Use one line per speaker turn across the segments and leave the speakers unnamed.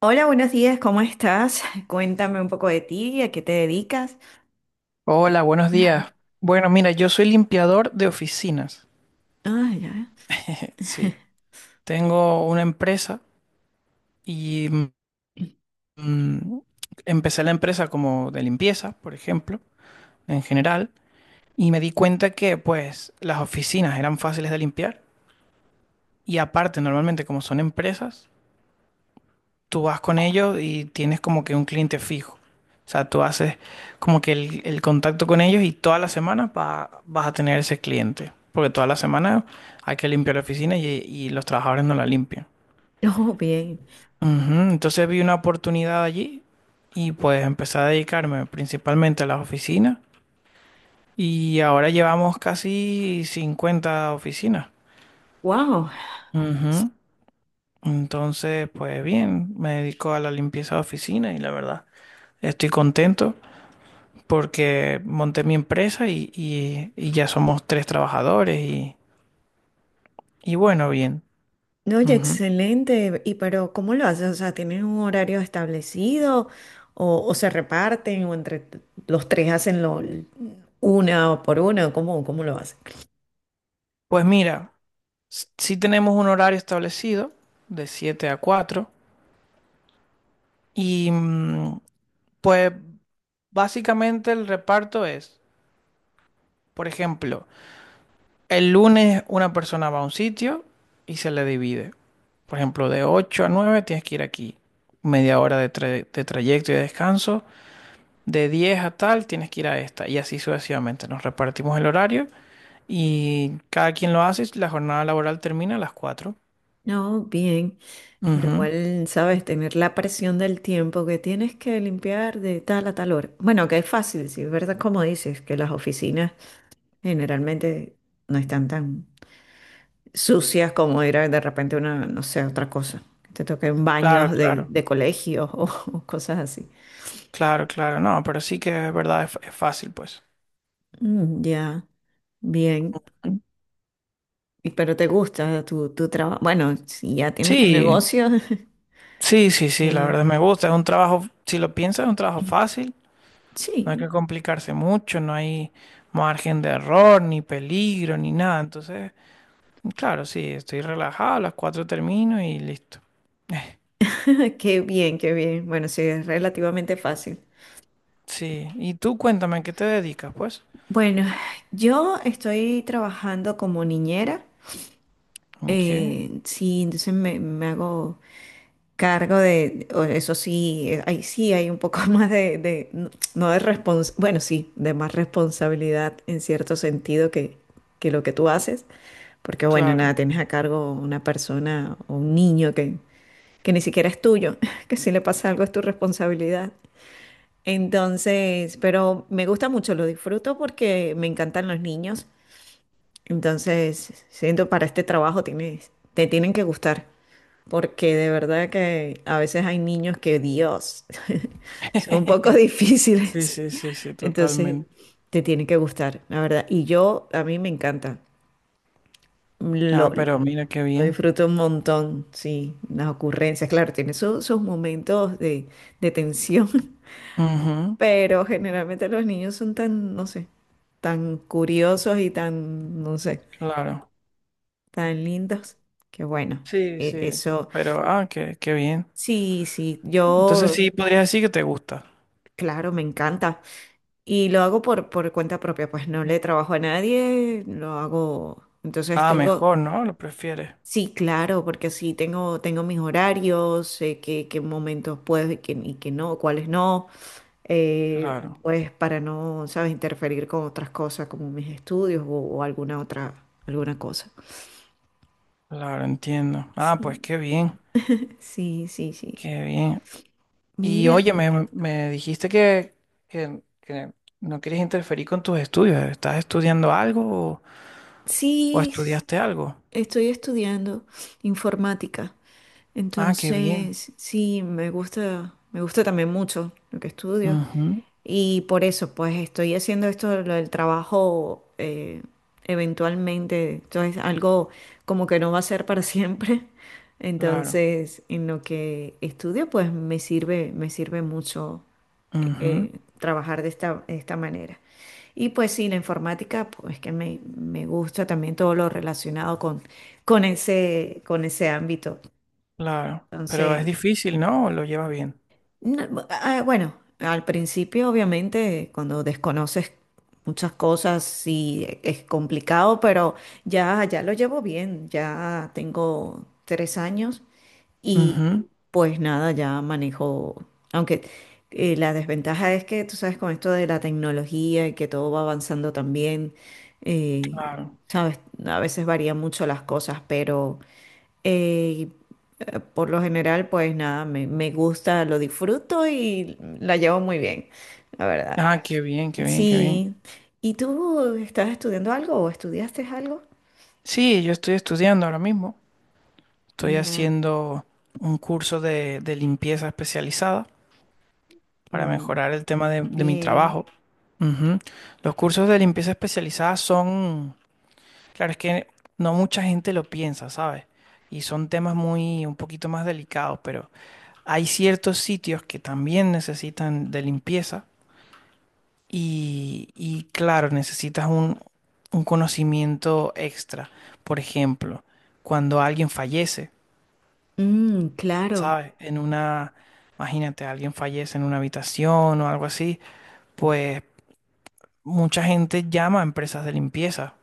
Hola, buenos días, ¿cómo estás? Cuéntame un poco de ti, ¿a qué te dedicas?
Hola, buenos días. Bueno, mira, yo soy limpiador de oficinas.
Ah, ya.
Sí, tengo una empresa y mm, mm, empecé la empresa como de limpieza, por ejemplo, en general, y me di cuenta que pues las oficinas eran fáciles de limpiar y aparte normalmente como son empresas, tú vas con ellos y tienes como que un cliente fijo. O sea, tú haces como que el contacto con ellos y todas las semanas vas a tener ese cliente. Porque todas las semanas hay que limpiar la oficina y los trabajadores no la limpian.
No, bien.
Ujú. Entonces vi una oportunidad allí y pues empecé a dedicarme principalmente a las oficinas. Y ahora llevamos casi 50 oficinas.
Wow.
Ujú. Entonces, pues bien, me dedico a la limpieza de oficina y la verdad estoy contento. Porque monté mi empresa y ya somos tres trabajadores y bueno, bien.
No, oye,
Ujú.
excelente. ¿Y pero cómo lo haces? O sea, ¿tienen un horario establecido o se reparten o los tres hacen lo una por una? ¿Cómo lo hacen?
Pues mira, sí tenemos un horario establecido de 7 a 4 y pues básicamente el reparto es, por ejemplo, el lunes una persona va a un sitio y se le divide. Por ejemplo, de 8 a 9 tienes que ir aquí, media hora de trayecto y de descanso. De 10 a tal, tienes que ir a esta. Y así sucesivamente. Nos repartimos el horario y cada quien lo hace. La jornada laboral termina a las 4.
No, bien. Pero
Ujú.
igual, sabes, tener la presión del tiempo que tienes que limpiar de tal a tal hora. Bueno, que es fácil, sí, ¿verdad? Como dices, que las oficinas generalmente no están tan sucias como era de repente una, no sé, otra cosa. Que te toquen baños
Claro,
de,
claro,
de colegios o, o cosas así.
claro, claro. No, pero sí que es verdad, es fácil, pues.
Mm, ya, bien. Pero te gusta tu trabajo. Bueno, si ya tienes tu
Sí,
negocio,
sí, sí, sí, la
eh,
verdad me gusta. Es un trabajo, si lo piensas, es un trabajo fácil. No hay que
sí,
complicarse mucho, no hay margen de error, ni peligro, ni nada. Entonces, claro, sí, estoy relajado, a las 4 termino y listo.
qué bien, qué bien. Bueno, sí, es relativamente fácil.
Sí, y tú cuéntame, ¿a qué te dedicas, pues?
Bueno, yo estoy trabajando como niñera.
Ok,
Sí, entonces me hago cargo de, o eso sí, ahí sí hay un poco más de- no no de respons, bueno, sí, de más responsabilidad en cierto sentido que lo que tú haces, porque bueno, nada,
claro.
tienes a cargo una persona o un niño que ni siquiera es tuyo, que si le pasa algo es tu responsabilidad. Entonces, pero me gusta mucho, lo disfruto porque me encantan los niños. Entonces, siento para este trabajo te tienen que gustar, porque de verdad que a veces hay niños que, Dios, son un poco
Sí,
difíciles.
sí, sí, sí,
Entonces,
totalmente.
te tiene que gustar, la verdad. Y yo, a mí me encanta.
Ah,
Lo,
pero mira qué
lo
bien.
disfruto un montón, sí. Las ocurrencias, claro, tiene sus momentos de tensión,
Ujú,
pero generalmente los niños son tan, no sé, tan curiosos y tan, no sé,
claro.
tan lindos, que bueno,
Sí, sí.
eso
Pero, ah, qué, qué bien.
sí, sí,
Entonces
yo,
sí podrías decir que te gusta.
claro, me encanta y lo hago por cuenta propia, pues no le trabajo a nadie, lo hago, entonces
Ah,
tengo,
mejor, ¿no? Lo prefieres.
sí, claro, porque así tengo mis horarios, sé qué momentos puedo y qué no, cuáles no,
Claro,
pues para no, sabes, interferir con otras cosas como mis estudios o alguna otra, alguna cosa.
claro, entiendo. Ah, pues
Sí,
qué bien,
sí, sí, sí.
qué bien. Y
Mira,
oye, me dijiste que, que no quieres interferir con tus estudios. ¿Estás estudiando algo o, o
sí,
estudiaste algo?
estoy estudiando informática,
Ah, qué bien.
entonces sí, me gusta también mucho lo que estudio
Ujú,
y por eso pues estoy haciendo esto, lo del trabajo eventualmente, entonces algo como que no va a ser para siempre,
claro,
entonces en lo que estudio pues me sirve mucho
ujú,
eh, trabajar de esta manera. Y pues sí, la informática, pues que me gusta también todo lo relacionado con ese ámbito.
claro. Pero es
Entonces.
difícil, ¿no? ¿O lo llevas bien?
No, ah, bueno, al principio obviamente cuando desconoces muchas cosas sí es complicado, pero ya lo llevo bien, ya tengo tres años y
Ujú.
pues nada, ya manejo, aunque la desventaja es que tú sabes con esto de la tecnología y que todo va avanzando también, eh,
Claro.
sabes, a veces varían mucho las cosas, pero, eh, por lo general, pues nada, me gusta, lo disfruto y la llevo muy bien, la verdad.
Ah, qué bien, qué bien, qué bien.
Sí. ¿Y tú estás estudiando algo o estudiaste algo?
Sí, yo estoy estudiando ahora mismo. Estoy
Ya.
haciendo un curso de limpieza especializada para
Mm,
mejorar el tema de mi
bien.
trabajo. Ujú. Los cursos de limpieza especializada son, claro, es que no mucha gente lo piensa, ¿sabes? Y son temas muy, un poquito más delicados, pero hay ciertos sitios que también necesitan de limpieza. Y claro, necesitas un conocimiento extra. Por ejemplo, cuando alguien fallece,
Mm, claro.
¿sabes? En una, imagínate, alguien fallece en una habitación o algo así, pues mucha gente llama a empresas de limpieza.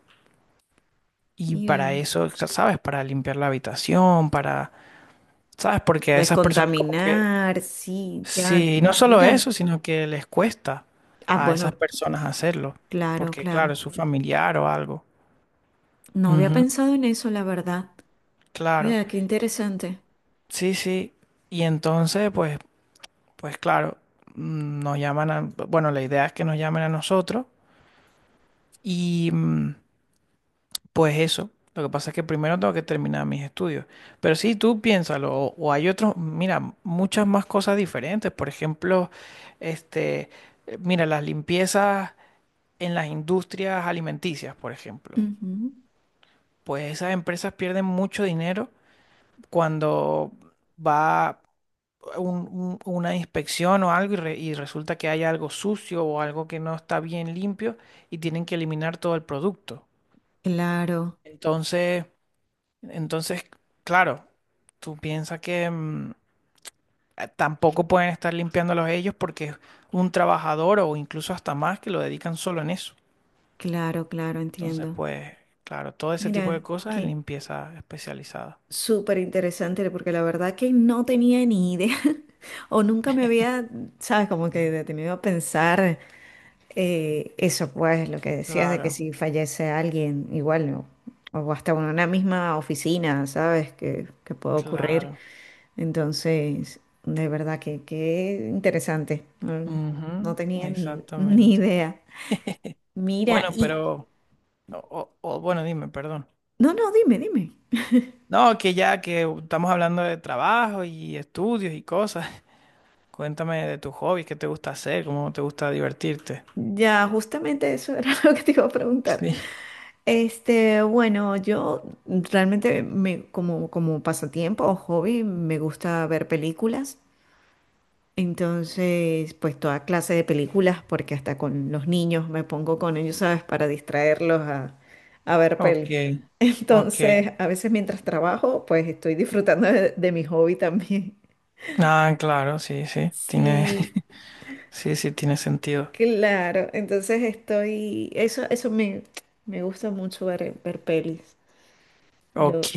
Y para
Mira.
eso, o sea, ¿sabes? Para limpiar la habitación, para, ¿sabes? Porque a esas personas como que,
Descontaminar, sí, ya.
sí, y no solo
Miran.
eso, sino que les cuesta
Ah,
a esas
bueno,
personas hacerlo.
claro,
Porque claro,
claro.
es su familiar o algo.
No había
Ujú.
pensado en eso, la verdad.
Claro,
Mira, qué interesante.
sí, sí. Y entonces, pues, pues claro, nos llaman a, bueno, la idea es que nos llamen a nosotros y pues eso. Lo que pasa es que primero tengo que terminar mis estudios. Pero sí, tú piénsalo, o hay otros, mira, muchas más cosas diferentes. Por ejemplo, este, mira, las limpiezas en las industrias alimenticias, por ejemplo.
Ujú.
Pues esas empresas pierden mucho dinero cuando va una inspección o algo y resulta que hay algo sucio o algo que no está bien limpio y tienen que eliminar todo el producto.
Claro,
Entonces, entonces, claro, tú piensas que tampoco pueden estar limpiándolos ellos porque es un trabajador o incluso hasta más que lo dedican solo en eso.
claro, claro,
Entonces,
entiendo.
pues, claro, todo ese tipo de
Mira,
cosas es limpieza especializada.
súper interesante, porque la verdad que no tenía ni idea o nunca me había, sabes, como que detenido a pensar eso, pues, lo que decías de que
Claro,
si fallece alguien, igual, no, o hasta en una misma oficina, sabes, que puede ocurrir.
claro.
Entonces, de verdad que interesante. No,
Ujú,
no tenía ni, ni
exactamente.
idea. Mira,
Bueno,
y...
pero, bueno, dime, perdón.
No, no, dime, dime.
No, que ya que estamos hablando de trabajo y estudios y cosas. Cuéntame de tus hobbies, qué te gusta hacer, cómo te gusta divertirte.
Ya, justamente eso era lo que te iba a preguntar.
Sí.
Este, bueno, yo realmente como pasatiempo o hobby me gusta ver películas. Entonces, pues toda clase de películas, porque hasta con los niños me pongo con ellos, ¿sabes? Para distraerlos a ver
Ok,
peli.
ok.
Entonces, a veces mientras trabajo, pues estoy disfrutando de mi hobby también.
Ah, claro, sí, sí.
Sí,
Sí, sí, tiene sentido.
claro. Entonces eso me gusta mucho ver pelis. Lo,
Ok.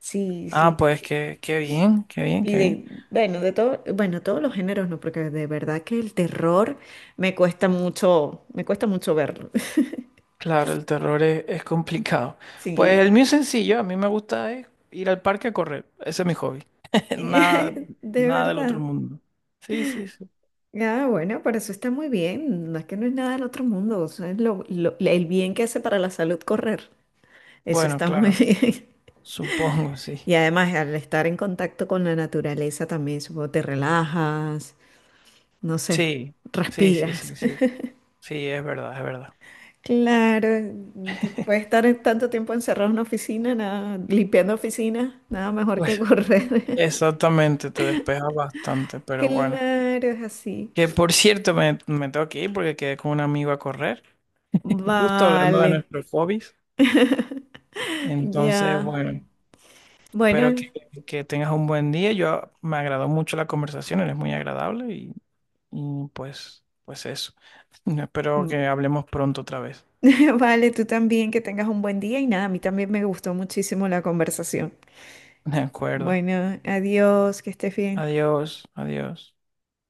sí,
Ah,
sí.
pues qué, qué bien, qué bien,
Y
qué bien.
bueno, bueno, todos los géneros no, porque de verdad que el terror me cuesta mucho verlo.
Claro, el terror es complicado. Pues
Sí,
el mío es sencillo, a mí me gusta es ir al parque a correr. Ese es mi hobby. Nada,
de
nada del otro
verdad.
mundo. Sí, sí, sí.
Ah, bueno, pero eso está muy bien. No es que no es nada del otro mundo. O sea, es el bien que hace para la salud correr. Eso
Bueno,
está muy
claro.
bien.
Supongo, sí.
Y además, al estar en contacto con la naturaleza también, supongo, te relajas, no sé,
Sí, sí, sí,
respiras.
sí, sí. Sí, es verdad, es verdad.
Claro, te puede estar tanto tiempo encerrado en una oficina, nada, limpiando oficinas, nada mejor que
Pues
correr.
exactamente, te despeja bastante, pero bueno.
Claro, es así.
Que por cierto, me tengo que ir porque quedé con un amigo a correr, justo hablando de
Vale,
nuestros hobbies. Entonces,
ya.
bueno, espero
Bueno,
que, tengas un buen día. Yo me agradó mucho la conversación, eres muy agradable y pues eso. Espero
mm,
que hablemos pronto otra vez.
vale, tú también que tengas un buen día y nada, a mí también me gustó muchísimo la conversación.
De acuerdo.
Bueno, adiós, que estés bien.
Adiós, adiós.